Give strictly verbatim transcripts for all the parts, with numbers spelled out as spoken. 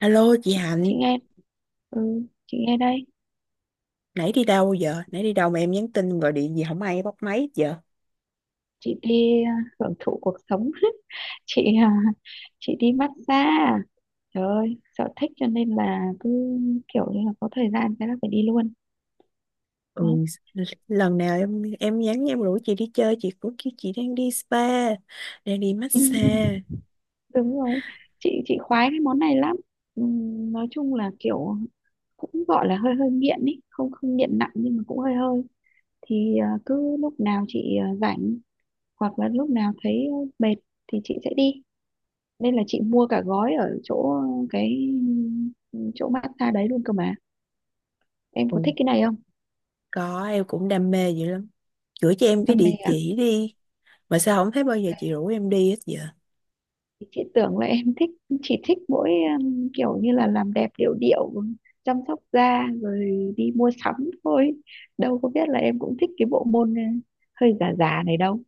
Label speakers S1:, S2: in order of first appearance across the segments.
S1: Alo chị
S2: chị
S1: Hạnh,
S2: chị nghe. Ừ, chị nghe đây.
S1: nãy đi đâu giờ? Nãy đi đâu mà em nhắn tin gọi điện gì không ai bắt máy hết giờ?
S2: Chị đi à, hưởng thụ cuộc sống. Chị à, chị đi massage à? Trời ơi, sở thích cho nên là cứ kiểu như là có thời gian cái là phải đi luôn.
S1: Ừ,
S2: Đó.
S1: l- lần nào em em nhắn em rủ chị đi chơi, chị cũng kêu chị đang đi spa, đang đi
S2: Ừ,
S1: massage.
S2: đúng rồi, chị chị khoái cái món này lắm. Ừ, nói chung là kiểu cũng gọi là hơi hơi nghiện ý, không không nghiện nặng nhưng mà cũng hơi hơi. Thì à, cứ lúc nào chị à, rảnh, hoặc là lúc nào thấy à, mệt thì chị sẽ đi, nên là chị mua cả gói ở chỗ cái, ừ, chỗ massage đấy luôn cơ mà. Em có
S1: Ừ,
S2: thích cái này không?
S1: có, em cũng đam mê dữ lắm. Gửi cho em cái
S2: Đam mê
S1: địa
S2: à?
S1: chỉ đi. Mà sao không thấy bao giờ
S2: Ok.
S1: chị rủ em đi hết giờ?
S2: Chị tưởng là em thích, chỉ thích mỗi, um, kiểu như là làm đẹp điệu điệu, chăm sóc da rồi đi mua sắm thôi. Đâu có biết là em cũng thích cái bộ môn uh, hơi già già này đâu.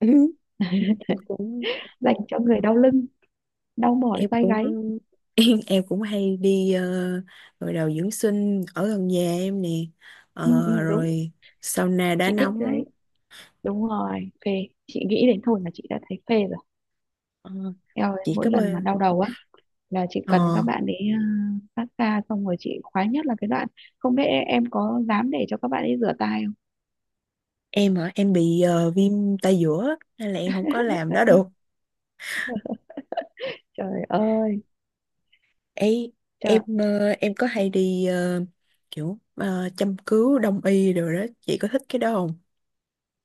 S1: Ừ, Em cũng
S2: Dành cho người đau lưng, đau mỏi
S1: em
S2: vai gáy.
S1: cũng em cũng hay đi uh, gội đầu dưỡng sinh ở gần nhà em nè. Ờ,
S2: Ừ, ừ, đúng.
S1: rồi sauna đá
S2: Chị thích cái
S1: nóng.
S2: đấy. Đúng rồi, phê, chị nghĩ đến thôi là chị đã thấy phê rồi.
S1: ờ,
S2: Eo ơi,
S1: chị
S2: mỗi
S1: cấp ơi,
S2: lần mà đau đầu á là chị
S1: ờ,
S2: cần các bạn ấy ờ, phát ra. Xong rồi chị khoái nhất là cái đoạn không biết em, em có dám để cho các bạn ấy rửa tay không.
S1: em hả? Em bị ờ, viêm tay giữa á, nên là em không có làm đó được,
S2: Trời ơi.
S1: ấy.
S2: Trời.
S1: Em ờ, em có hay đi, ờ, kiểu ờ, châm cứu đông y rồi đó, chị có thích cái đó không?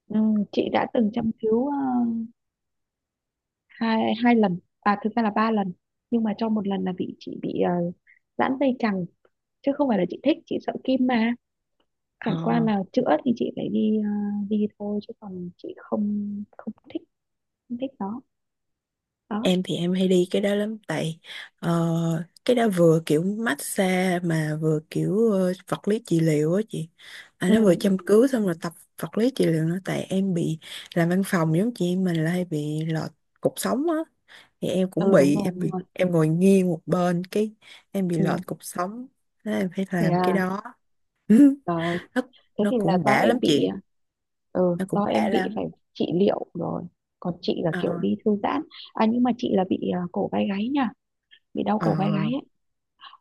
S2: Ừ, chị đã từng châm cứu ờ, hai hai lần, à thực ra là ba lần, nhưng mà trong một lần là bị, chị bị uh, giãn dây chằng, chứ không phải là chị thích. Chị sợ kim mà,
S1: ờ
S2: chẳng qua là chữa thì chị phải đi ờ, đi thôi, chứ còn chị không không thích, không thích nó. Đó.
S1: Em thì em hay đi cái đó lắm, tại ờ, cái đó vừa kiểu massage mà vừa kiểu ờ, vật lý trị liệu á chị. À,
S2: Ừ,
S1: nó vừa châm
S2: ừ.
S1: cứu xong rồi tập vật lý trị liệu nữa, tại em bị làm văn phòng giống chị, mình là hay bị lọt cục sống á, thì em cũng
S2: Ừ, đúng
S1: bị,
S2: rồi
S1: em
S2: đúng
S1: bị
S2: rồi.
S1: em ngồi nghiêng một bên cái em bị
S2: Ừ.
S1: lọt cục sống. Thế em phải
S2: Thế
S1: làm
S2: à?
S1: cái đó. Ừ,
S2: Trời ơi,
S1: nó
S2: thế
S1: nó
S2: thì là
S1: cũng
S2: do
S1: đã
S2: em
S1: lắm
S2: bị,
S1: chị,
S2: ừ,
S1: nó cũng
S2: do
S1: đã
S2: em bị
S1: lắm.
S2: phải trị liệu rồi. Còn chị là
S1: ờ
S2: kiểu đi thư giãn. À nhưng mà chị là bị à, cổ vai gáy nha, bị đau
S1: ờ
S2: cổ vai gáy ấy.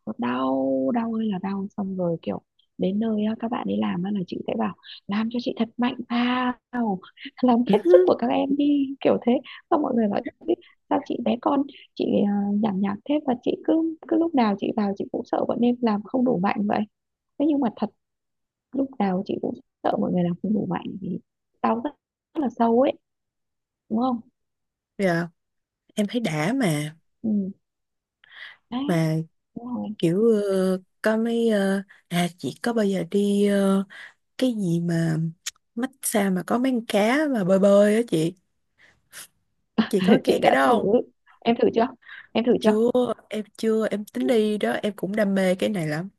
S2: Nó đau, đau ơi là đau. Xong rồi kiểu đến nơi á, các bạn ấy làm á là chị sẽ bảo làm cho chị thật mạnh vào, làm hết sức của các em đi, kiểu thế. Xong mọi người bảo "Ý, sao chị bé con chị à, nhảm nhảm thế?" Và chị cứ cứ lúc nào chị vào chị cũng sợ bọn em làm không đủ mạnh vậy. Thế nhưng mà thật, lúc nào chị cũng sợ mọi người làm không đủ mạnh vì đau rất, rất là sâu ấy. Đúng không?
S1: dạ, em thấy đã mà
S2: Ừ. Đấy.
S1: mà
S2: Đúng rồi.
S1: kiểu ờ, có mấy, ờ, à, chị có bao giờ đi ờ, cái gì mà massage mà có mấy con cá mà bơi bơi á chị chị có cái
S2: Chị
S1: cái
S2: đã
S1: đó
S2: thử.
S1: không?
S2: Em thử chưa? Em thử chưa?
S1: Chưa, em chưa em tính đi đó, em cũng đam mê cái này lắm.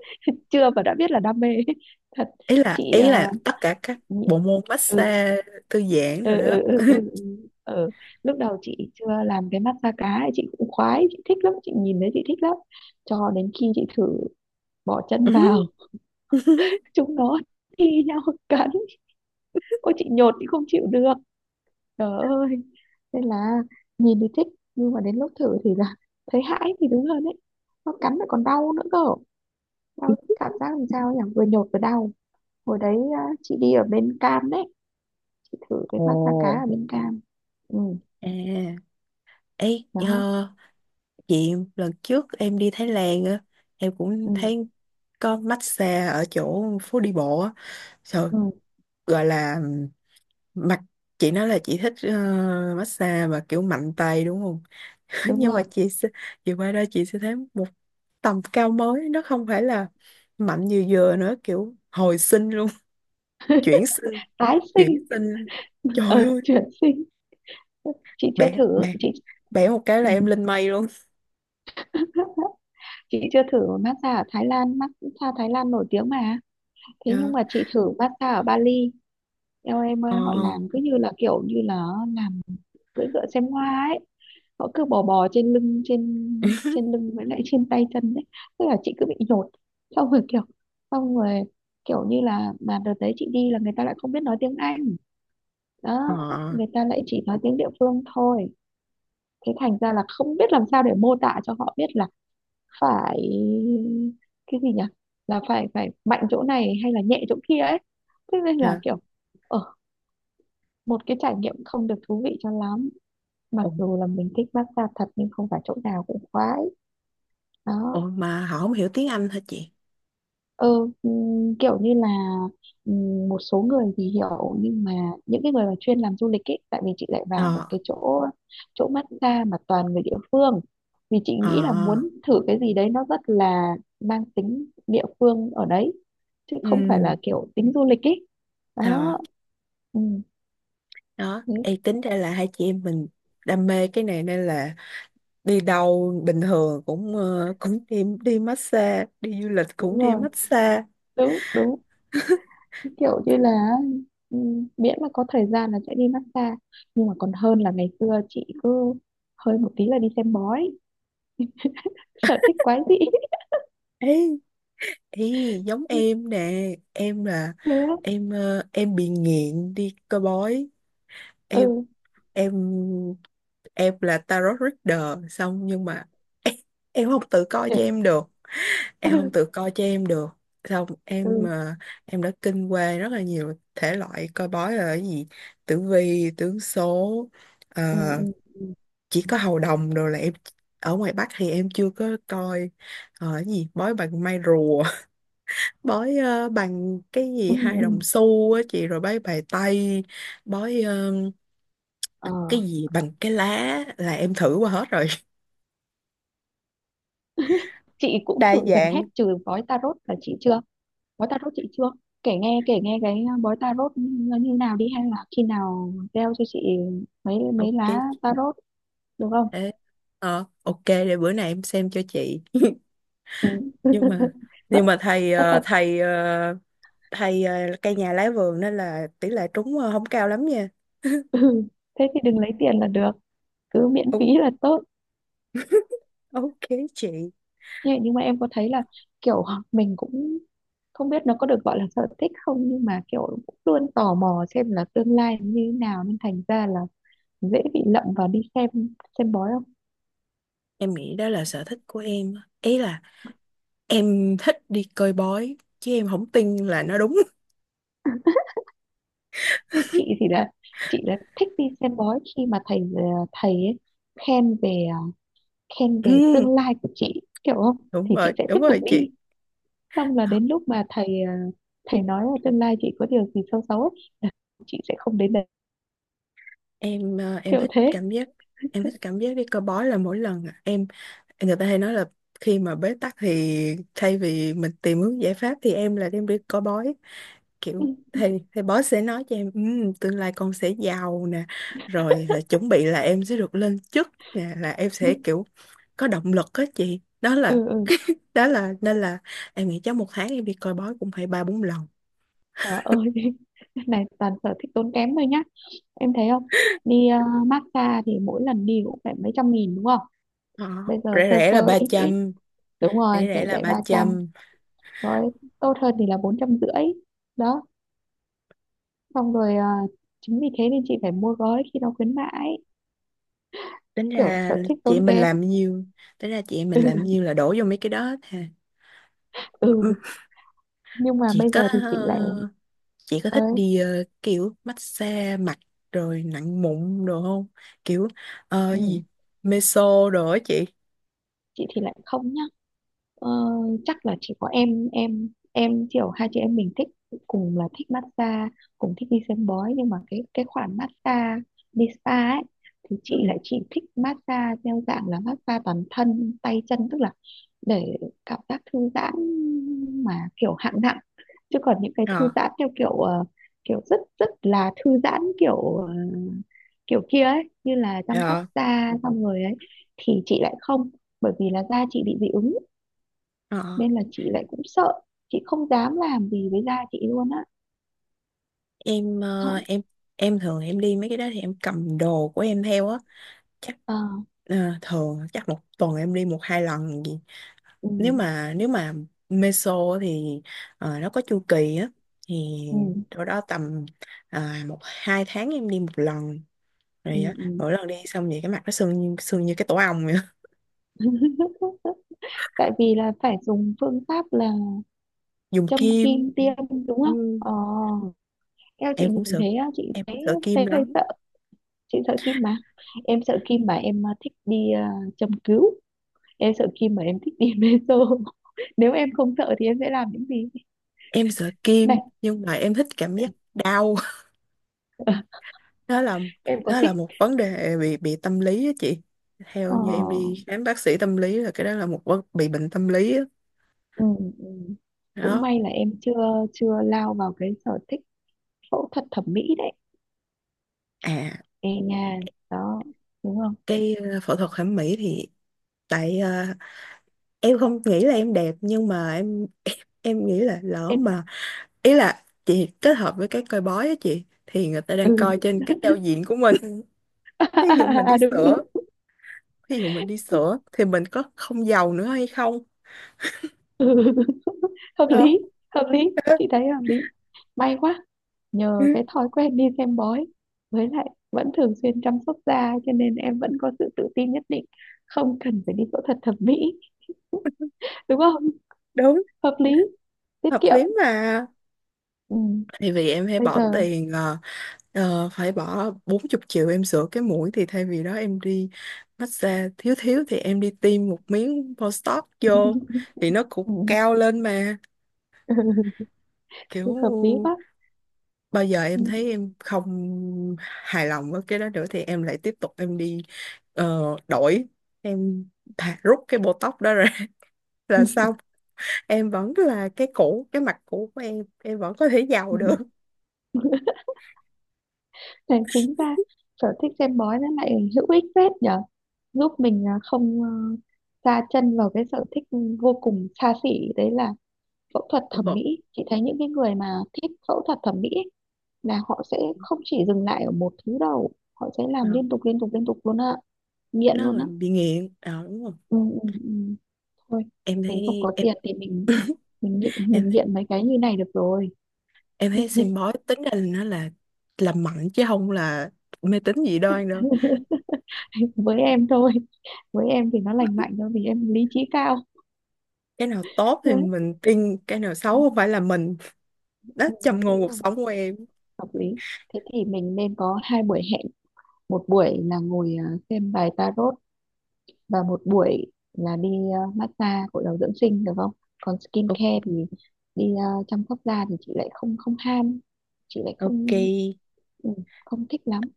S2: Chưa và đã biết là đam mê. Thật.
S1: ý là
S2: Chị
S1: ý
S2: ờ,
S1: là tất cả các
S2: nhị-
S1: bộ môn
S2: ừ
S1: massage thư giãn rồi
S2: ừ
S1: đó.
S2: ừ ừ ừ. Ừ. Ừ. Lúc đầu chị chưa làm cái mắt da cá ấy, chị cũng khoái, chị thích lắm, chị nhìn thấy chị thích lắm. Cho đến khi chị thử bỏ chân vào, chúng nó thi nhau cắn. Ôi chị nhột, chị không chịu được. Trời ơi. Nên là nhìn thì thích nhưng mà đến lúc thử thì là, thấy hãi thì đúng hơn đấy. Nó cắn lại còn đau nữa cơ. Đau, cảm giác làm sao nhỉ, vừa nhột vừa đau. Hồi đấy à, chị đi ở bên Cam đấy, chị thử cái
S1: Ồ,
S2: massage cá ở bên Cam. Ừ.
S1: à, ấy
S2: Đó.
S1: chị, lần trước em đi Thái Lan á, em cũng
S2: Ừ,
S1: thấy có massage ở chỗ phố đi bộ á. Trời,
S2: ừ.
S1: gọi là Mặt, chị nói là chị thích ờ, massage mà kiểu mạnh tay đúng không?
S2: Đúng
S1: Nhưng mà
S2: rồi.
S1: chị sẽ chị qua đây chị sẽ thấy một tầm cao mới, nó không phải là mạnh như vừa nữa, kiểu hồi sinh luôn. Chuyển sinh,
S2: Tái
S1: chuyển
S2: sinh.
S1: sinh, trời
S2: Ờ
S1: ơi,
S2: chuyển sinh. Chị chưa
S1: bẻ
S2: thử.
S1: bẻ
S2: Chị
S1: bẻ một cái là em lên mây luôn.
S2: chị chưa thử massage ở Thái Lan, massage Thái Lan nổi tiếng mà. Thế
S1: Dạ.
S2: nhưng mà chị thử massage ở Bali. Eo em ơi,
S1: ờ
S2: họ làm cứ như là kiểu như là làm cưỡi ngựa xem hoa ấy. Họ cứ bò bò trên lưng, trên trên lưng với lại trên tay chân đấy. Tức là chị cứ bị nhột. Xong rồi kiểu, xong rồi kiểu như là, mà đợt đấy chị đi là người ta lại không biết nói tiếng Anh. Đó.
S1: ờ
S2: Người ta lại chỉ nói tiếng địa phương thôi, thế thành ra là không biết làm sao để mô tả cho họ biết là phải, cái gì nhỉ, là phải phải mạnh chỗ này hay là nhẹ chỗ kia ấy. Thế nên là
S1: dạ.
S2: kiểu ở, một cái trải nghiệm không được thú vị cho lắm, mặc
S1: Ồ,
S2: dù là mình thích massage thật nhưng không phải chỗ nào cũng khoái. Đó.
S1: ồ mà họ không hiểu tiếng Anh hả chị?
S2: Ừ, ừm, kiểu như là, ừm, một số người thì hiểu nhưng mà, những cái người mà chuyên làm du lịch ấy. Tại vì chị lại
S1: ờ
S2: vào một cái chỗ, chỗ massage mà toàn người địa phương, vì chị
S1: ờ
S2: nghĩ là muốn thử cái gì đấy nó rất là mang tính địa phương ở đấy, chứ không phải
S1: ừ,
S2: là kiểu tính du lịch ấy. Đó.
S1: ờ
S2: Ừ,
S1: đó.
S2: thế,
S1: Ê, tính ra là hai chị em mình đam mê cái này, nên là đi đâu bình thường cũng ờ, cũng đi đi massage, đi du lịch cũng
S2: đúng
S1: đi
S2: rồi,
S1: massage.
S2: đúng đúng, kiểu như là, ừ, miễn mà có thời gian là sẽ đi massage. Nhưng mà còn hơn là ngày xưa chị cứ hơi một tí là đi xem bói, sở thích quái dị.
S1: Ấy, ý giống em nè, em là
S2: Thế á?
S1: em ờ, em bị nghiện đi coi bói. em
S2: Ừ
S1: em em là tarot reader xong nhưng mà em, em không tự coi
S2: chị
S1: cho em được, em không tự coi cho em được. Xong em
S2: ừ
S1: ờ, em đã kinh qua rất là nhiều thể loại coi bói là cái gì: tử vi, tướng số, ờ,
S2: ừ ừ ừ
S1: chỉ có hầu đồng rồi là em ở ngoài Bắc thì em chưa có coi. Ờ, cái gì bói bằng may rùa, bói ờ, bằng cái
S2: ừ.
S1: gì hai đồng
S2: Ừ.
S1: xu á chị, rồi bói bài tây, bói ờ,
S2: Ờ,
S1: cái gì bằng cái lá là em thử qua hết rồi.
S2: chị cũng
S1: Đa
S2: thử gần
S1: dạng.
S2: hết trừ bói tarot là chị chưa. Bói tarot chị chưa. Kể nghe kể nghe cái ờ, bói tarot nó như nào đi, hay là khi nào gieo cho chị mấy mấy lá
S1: Ok.
S2: tarot được không?
S1: Ê, ờ, ok, để bữa nay em xem cho chị.
S2: Ừ.
S1: Nhưng mà
S2: Rất,
S1: nhưng mà thầy
S2: rất
S1: ờ,
S2: là
S1: thầy ờ, thầy ờ, cây nhà lá vườn nên là tỷ lệ trúng ờ, không cao lắm nha.
S2: Ừ, thế thì đừng lấy tiền là được, cứ miễn phí
S1: O-
S2: là tốt.
S1: ok chị.
S2: Nhưng nhưng mà em có thấy là kiểu mình cũng không biết nó có được gọi là sở thích không, nhưng mà kiểu cũng luôn tò mò xem là tương lai như thế nào, nên thành ra là dễ bị lậm vào đi xem xem bói không?
S1: Em nghĩ đó là sở thích của em á. Ý là em thích đi coi bói, chứ em không tin là nó đúng.
S2: Thế chị thì là, chị là thích đi xem bói khi mà thầy ờ, thầy ấy khen về ờ, khen về
S1: Ừ,
S2: tương lai của chị kiểu không?
S1: đúng
S2: Thì chị
S1: rồi,
S2: sẽ tiếp
S1: đúng
S2: tục
S1: rồi chị.
S2: đi. Xong là
S1: Ờ,
S2: đến lúc mà thầy ờ, thầy nói là tương lai chị có điều gì xấu xấu ấy, là chị sẽ không đến đấy.
S1: Em ờ, em
S2: Kiểu
S1: thích
S2: thế.
S1: cảm giác em thích cảm giác đi coi bói là mỗi lần, à, em, người ta hay nói là khi mà bế tắc thì thay vì mình tìm hướng giải pháp thì em là đem đi coi bói,
S2: Ừ.
S1: kiểu thầy thầy bói sẽ nói cho em: "Ừm, tương lai con sẽ giàu nè, rồi ờ, chuẩn bị là em sẽ được lên chức nè", là em sẽ kiểu có động lực á chị. Đó là,
S2: Ừ ừ.
S1: đó là nên là em nghĩ chắc một tháng em đi coi bói cũng phải ba bốn lần.
S2: Trời ơi, cái này toàn sở thích tốn kém thôi nhá, em thấy không? Đi ờ, massage thì mỗi lần đi cũng phải mấy trăm nghìn đúng không?
S1: Đó,
S2: Bây giờ
S1: rẻ
S2: sơ
S1: rẻ
S2: sơ
S1: là ba
S2: ít ít,
S1: trăm,
S2: đúng rồi,
S1: rẻ rẻ
S2: rẻ
S1: là
S2: rẻ
S1: ba
S2: ba trăm,
S1: trăm.
S2: rồi tốt hơn thì là bốn trăm rưỡi. Đó. Xong rồi ờ, chính vì thế nên chị phải mua gói khi nó khuyến mãi.
S1: tính
S2: Kiểu
S1: ra
S2: sở thích
S1: chị
S2: tốn
S1: em mình
S2: kém.
S1: làm nhiêu Tính ra chị em mình làm
S2: Ừ,
S1: nhiêu là đổ vô mấy cái đó hết ha. Ừ,
S2: ừ. Nhưng mà
S1: chị
S2: bây
S1: có
S2: giờ thì chị
S1: ờ,
S2: lại,
S1: chị có thích
S2: ơi,
S1: đi ờ, kiểu massage mặt rồi nặng mụn đồ không, kiểu ờ,
S2: ừ,
S1: gì meso đồ á chị?
S2: chị thì lại không nhá. Ờ, chắc là chỉ có em em em kiểu hai chị em mình thích, cùng là thích massage, cùng thích đi xem bói, nhưng mà cái cái khoản massage đi spa ấy thì chị
S1: Ừ.
S2: lại chỉ thích massage theo dạng là massage toàn thân tay chân, tức là để cảm giác thư giãn mà kiểu hạng nặng. Chứ còn những cái
S1: ờ
S2: thư giãn theo kiểu ờ, kiểu rất rất là thư giãn, kiểu ờ, kiểu kia ấy, như là chăm sóc
S1: ờ
S2: da xong rồi ấy, thì chị lại không. Bởi vì là da chị bị dị ứng
S1: ờ.
S2: nên là chị lại cũng sợ, chị không dám làm gì với da chị luôn á.
S1: em
S2: Ờ.
S1: ờ, em em thường em đi mấy cái đó thì em cầm đồ của em theo á. Chắc
S2: Ờ,
S1: à, thường chắc một tuần em đi một hai lần gì.
S2: ừ
S1: Nếu mà nếu mà meso thì ờ, nó có chu kỳ á, thì
S2: ừ
S1: chỗ đó tầm à, một hai tháng em đi một lần
S2: ừ
S1: rồi á,
S2: ừ.
S1: mỗi lần đi xong vậy cái mặt nó sưng như sưng như cái tổ ong vậy á.
S2: Tại vì là phải dùng phương pháp là
S1: Dùng
S2: châm
S1: kim.
S2: kim tiêm đúng
S1: Ừ,
S2: không? Ờ. Eo chị
S1: em cũng
S2: nhìn
S1: sợ
S2: thấy á, chị
S1: em
S2: thấy,
S1: cũng sợ kim
S2: thấy hơi
S1: lắm.
S2: sợ. Chị sợ kim mà. Em sợ kim mà em à, thích đi à, châm cứu. Em sợ kim mà em thích đi meso. Nếu em không sợ thì em sẽ làm những gì?
S1: Em sợ kim
S2: Này
S1: nhưng mà em thích cảm giác đau, đó là,
S2: em có
S1: đó
S2: thích?
S1: là một vấn đề bị bị tâm lý á chị. Theo
S2: Ờ.
S1: như em đi khám bác sĩ tâm lý là cái đó là một vấn bị bệnh tâm lý á.
S2: Ừ, ừ. Cũng
S1: Đó.
S2: may là em chưa, chưa lao vào cái sở thích phẫu thuật thẩm mỹ đấy.
S1: À,
S2: Ê nha. Đó. Đúng không?
S1: cái ờ, phẫu thuật thẩm mỹ thì tại ờ, em không nghĩ là em đẹp nhưng mà em em nghĩ là lỡ
S2: Em.
S1: mà, ý là chị kết hợp với cái coi bói á chị, thì người ta đang coi
S2: Ừ
S1: trên cái giao diện của mình. thí dụ mình
S2: à,
S1: đi
S2: đúng
S1: sửa
S2: đúng.
S1: Thí dụ mình đi sửa thì mình có không giàu nữa hay không?
S2: Ừ. Hợp
S1: Đó.
S2: lý. Hợp lý. Chị thấy hợp lý. May quá, nhờ
S1: Ừ,
S2: cái thói quen đi xem bói, với lại vẫn thường xuyên chăm sóc da cho nên em vẫn có sự tự tin nhất định, không cần phải đi phẫu thuật thẩm mỹ đúng không?
S1: đúng.
S2: Hợp lý, tiết
S1: Hợp
S2: kiệm.
S1: lý mà.
S2: Ừ.
S1: Thì vì em hay
S2: Bây
S1: bỏ
S2: giờ
S1: tiền, ờ, Ờ, phải bỏ 40 triệu em sửa cái mũi thì thay vì đó em đi massage, thiếu thiếu thì em đi tiêm một miếng Botox vô thì nó cũng
S2: ừ.
S1: cao lên mà, kiểu
S2: Hợp lý quá.
S1: bao giờ
S2: Ừ.
S1: em thấy em không hài lòng với cái đó nữa thì em lại tiếp tục em đi ờ, đổi. Em thà rút cái Botox đó ra, là xong, em vẫn là cái cũ, cái mặt cũ của em em vẫn có thể giàu
S2: Ừ.
S1: được.
S2: Thế chính ra sở thích xem bói nó lại hữu ích phết nhở, giúp mình à, không ờ, sa chân vào cái sở thích vô cùng xa xỉ đấy là phẫu thuật thẩm mỹ. Chị thấy những cái người mà thích phẫu thuật thẩm mỹ ấy, là họ sẽ không chỉ dừng lại ở một thứ đâu, họ sẽ
S1: Ờ,
S2: làm liên tục liên tục liên tục luôn ạ. Nghiện
S1: nó
S2: luôn á.
S1: là bị nghiện. Ờ, đúng rồi.
S2: Ừ, ừ, ừ. Thôi
S1: Em
S2: mình không
S1: thấy
S2: có
S1: em,
S2: tiền thì mình, mình nghiện
S1: em
S2: mình
S1: thấy-
S2: nghiện mấy cái như này được rồi.
S1: em thấy xem bói tính ra là nó là làm mạnh chứ không là mê tín dị đoan đâu.
S2: Với em thôi, với em thì nó lành mạnh thôi vì em lý trí cao.
S1: Cái nào tốt thì
S2: Đấy.
S1: mình tin, cái nào xấu không phải là mình.
S2: Ừ,
S1: Đó, trầm ngôn
S2: đúng
S1: cuộc
S2: rồi,
S1: sống của em.
S2: hợp lý. Thế thì mình nên có hai buổi hẹn, một buổi là ngồi à, xem bài tarot, và một buổi là đi à, massage gội đầu dưỡng sinh được không? Còn skin
S1: O-
S2: care thì đi à, chăm sóc da thì chị lại không không ham, chị lại
S1: ok.
S2: không, ừ, không thích lắm.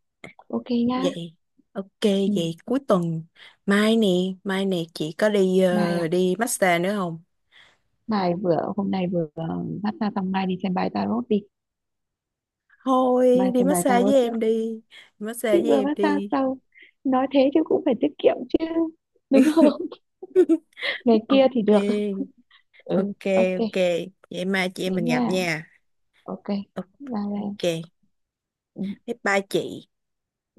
S2: Ok nhá.
S1: Vậy ok.
S2: Ừ,
S1: Vậy cuối tuần, mai nè, mai nè, chị có đi
S2: bài à?
S1: ờ, đi massage nữa không?
S2: Bài vừa hôm nay vừa à, massage, xong mai đi xem bài tarot đi.
S1: Thôi
S2: Mai
S1: đi
S2: xem bài
S1: massage với
S2: tarot trước.
S1: em đi,
S2: Chị
S1: massage với
S2: vừa
S1: em
S2: massage
S1: đi.
S2: sau. Nói thế chứ cũng phải tiết kiệm chứ. Đúng không? Ngày kia thì
S1: Ok.
S2: được. Ừ
S1: Ok.
S2: ok.
S1: Ok. Vậy mai chị em
S2: Thế
S1: mình
S2: nha.
S1: gặp nha.
S2: Ok. Bye em.
S1: Ok.
S2: Ừ,
S1: Bye bye chị.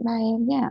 S2: bye em nha.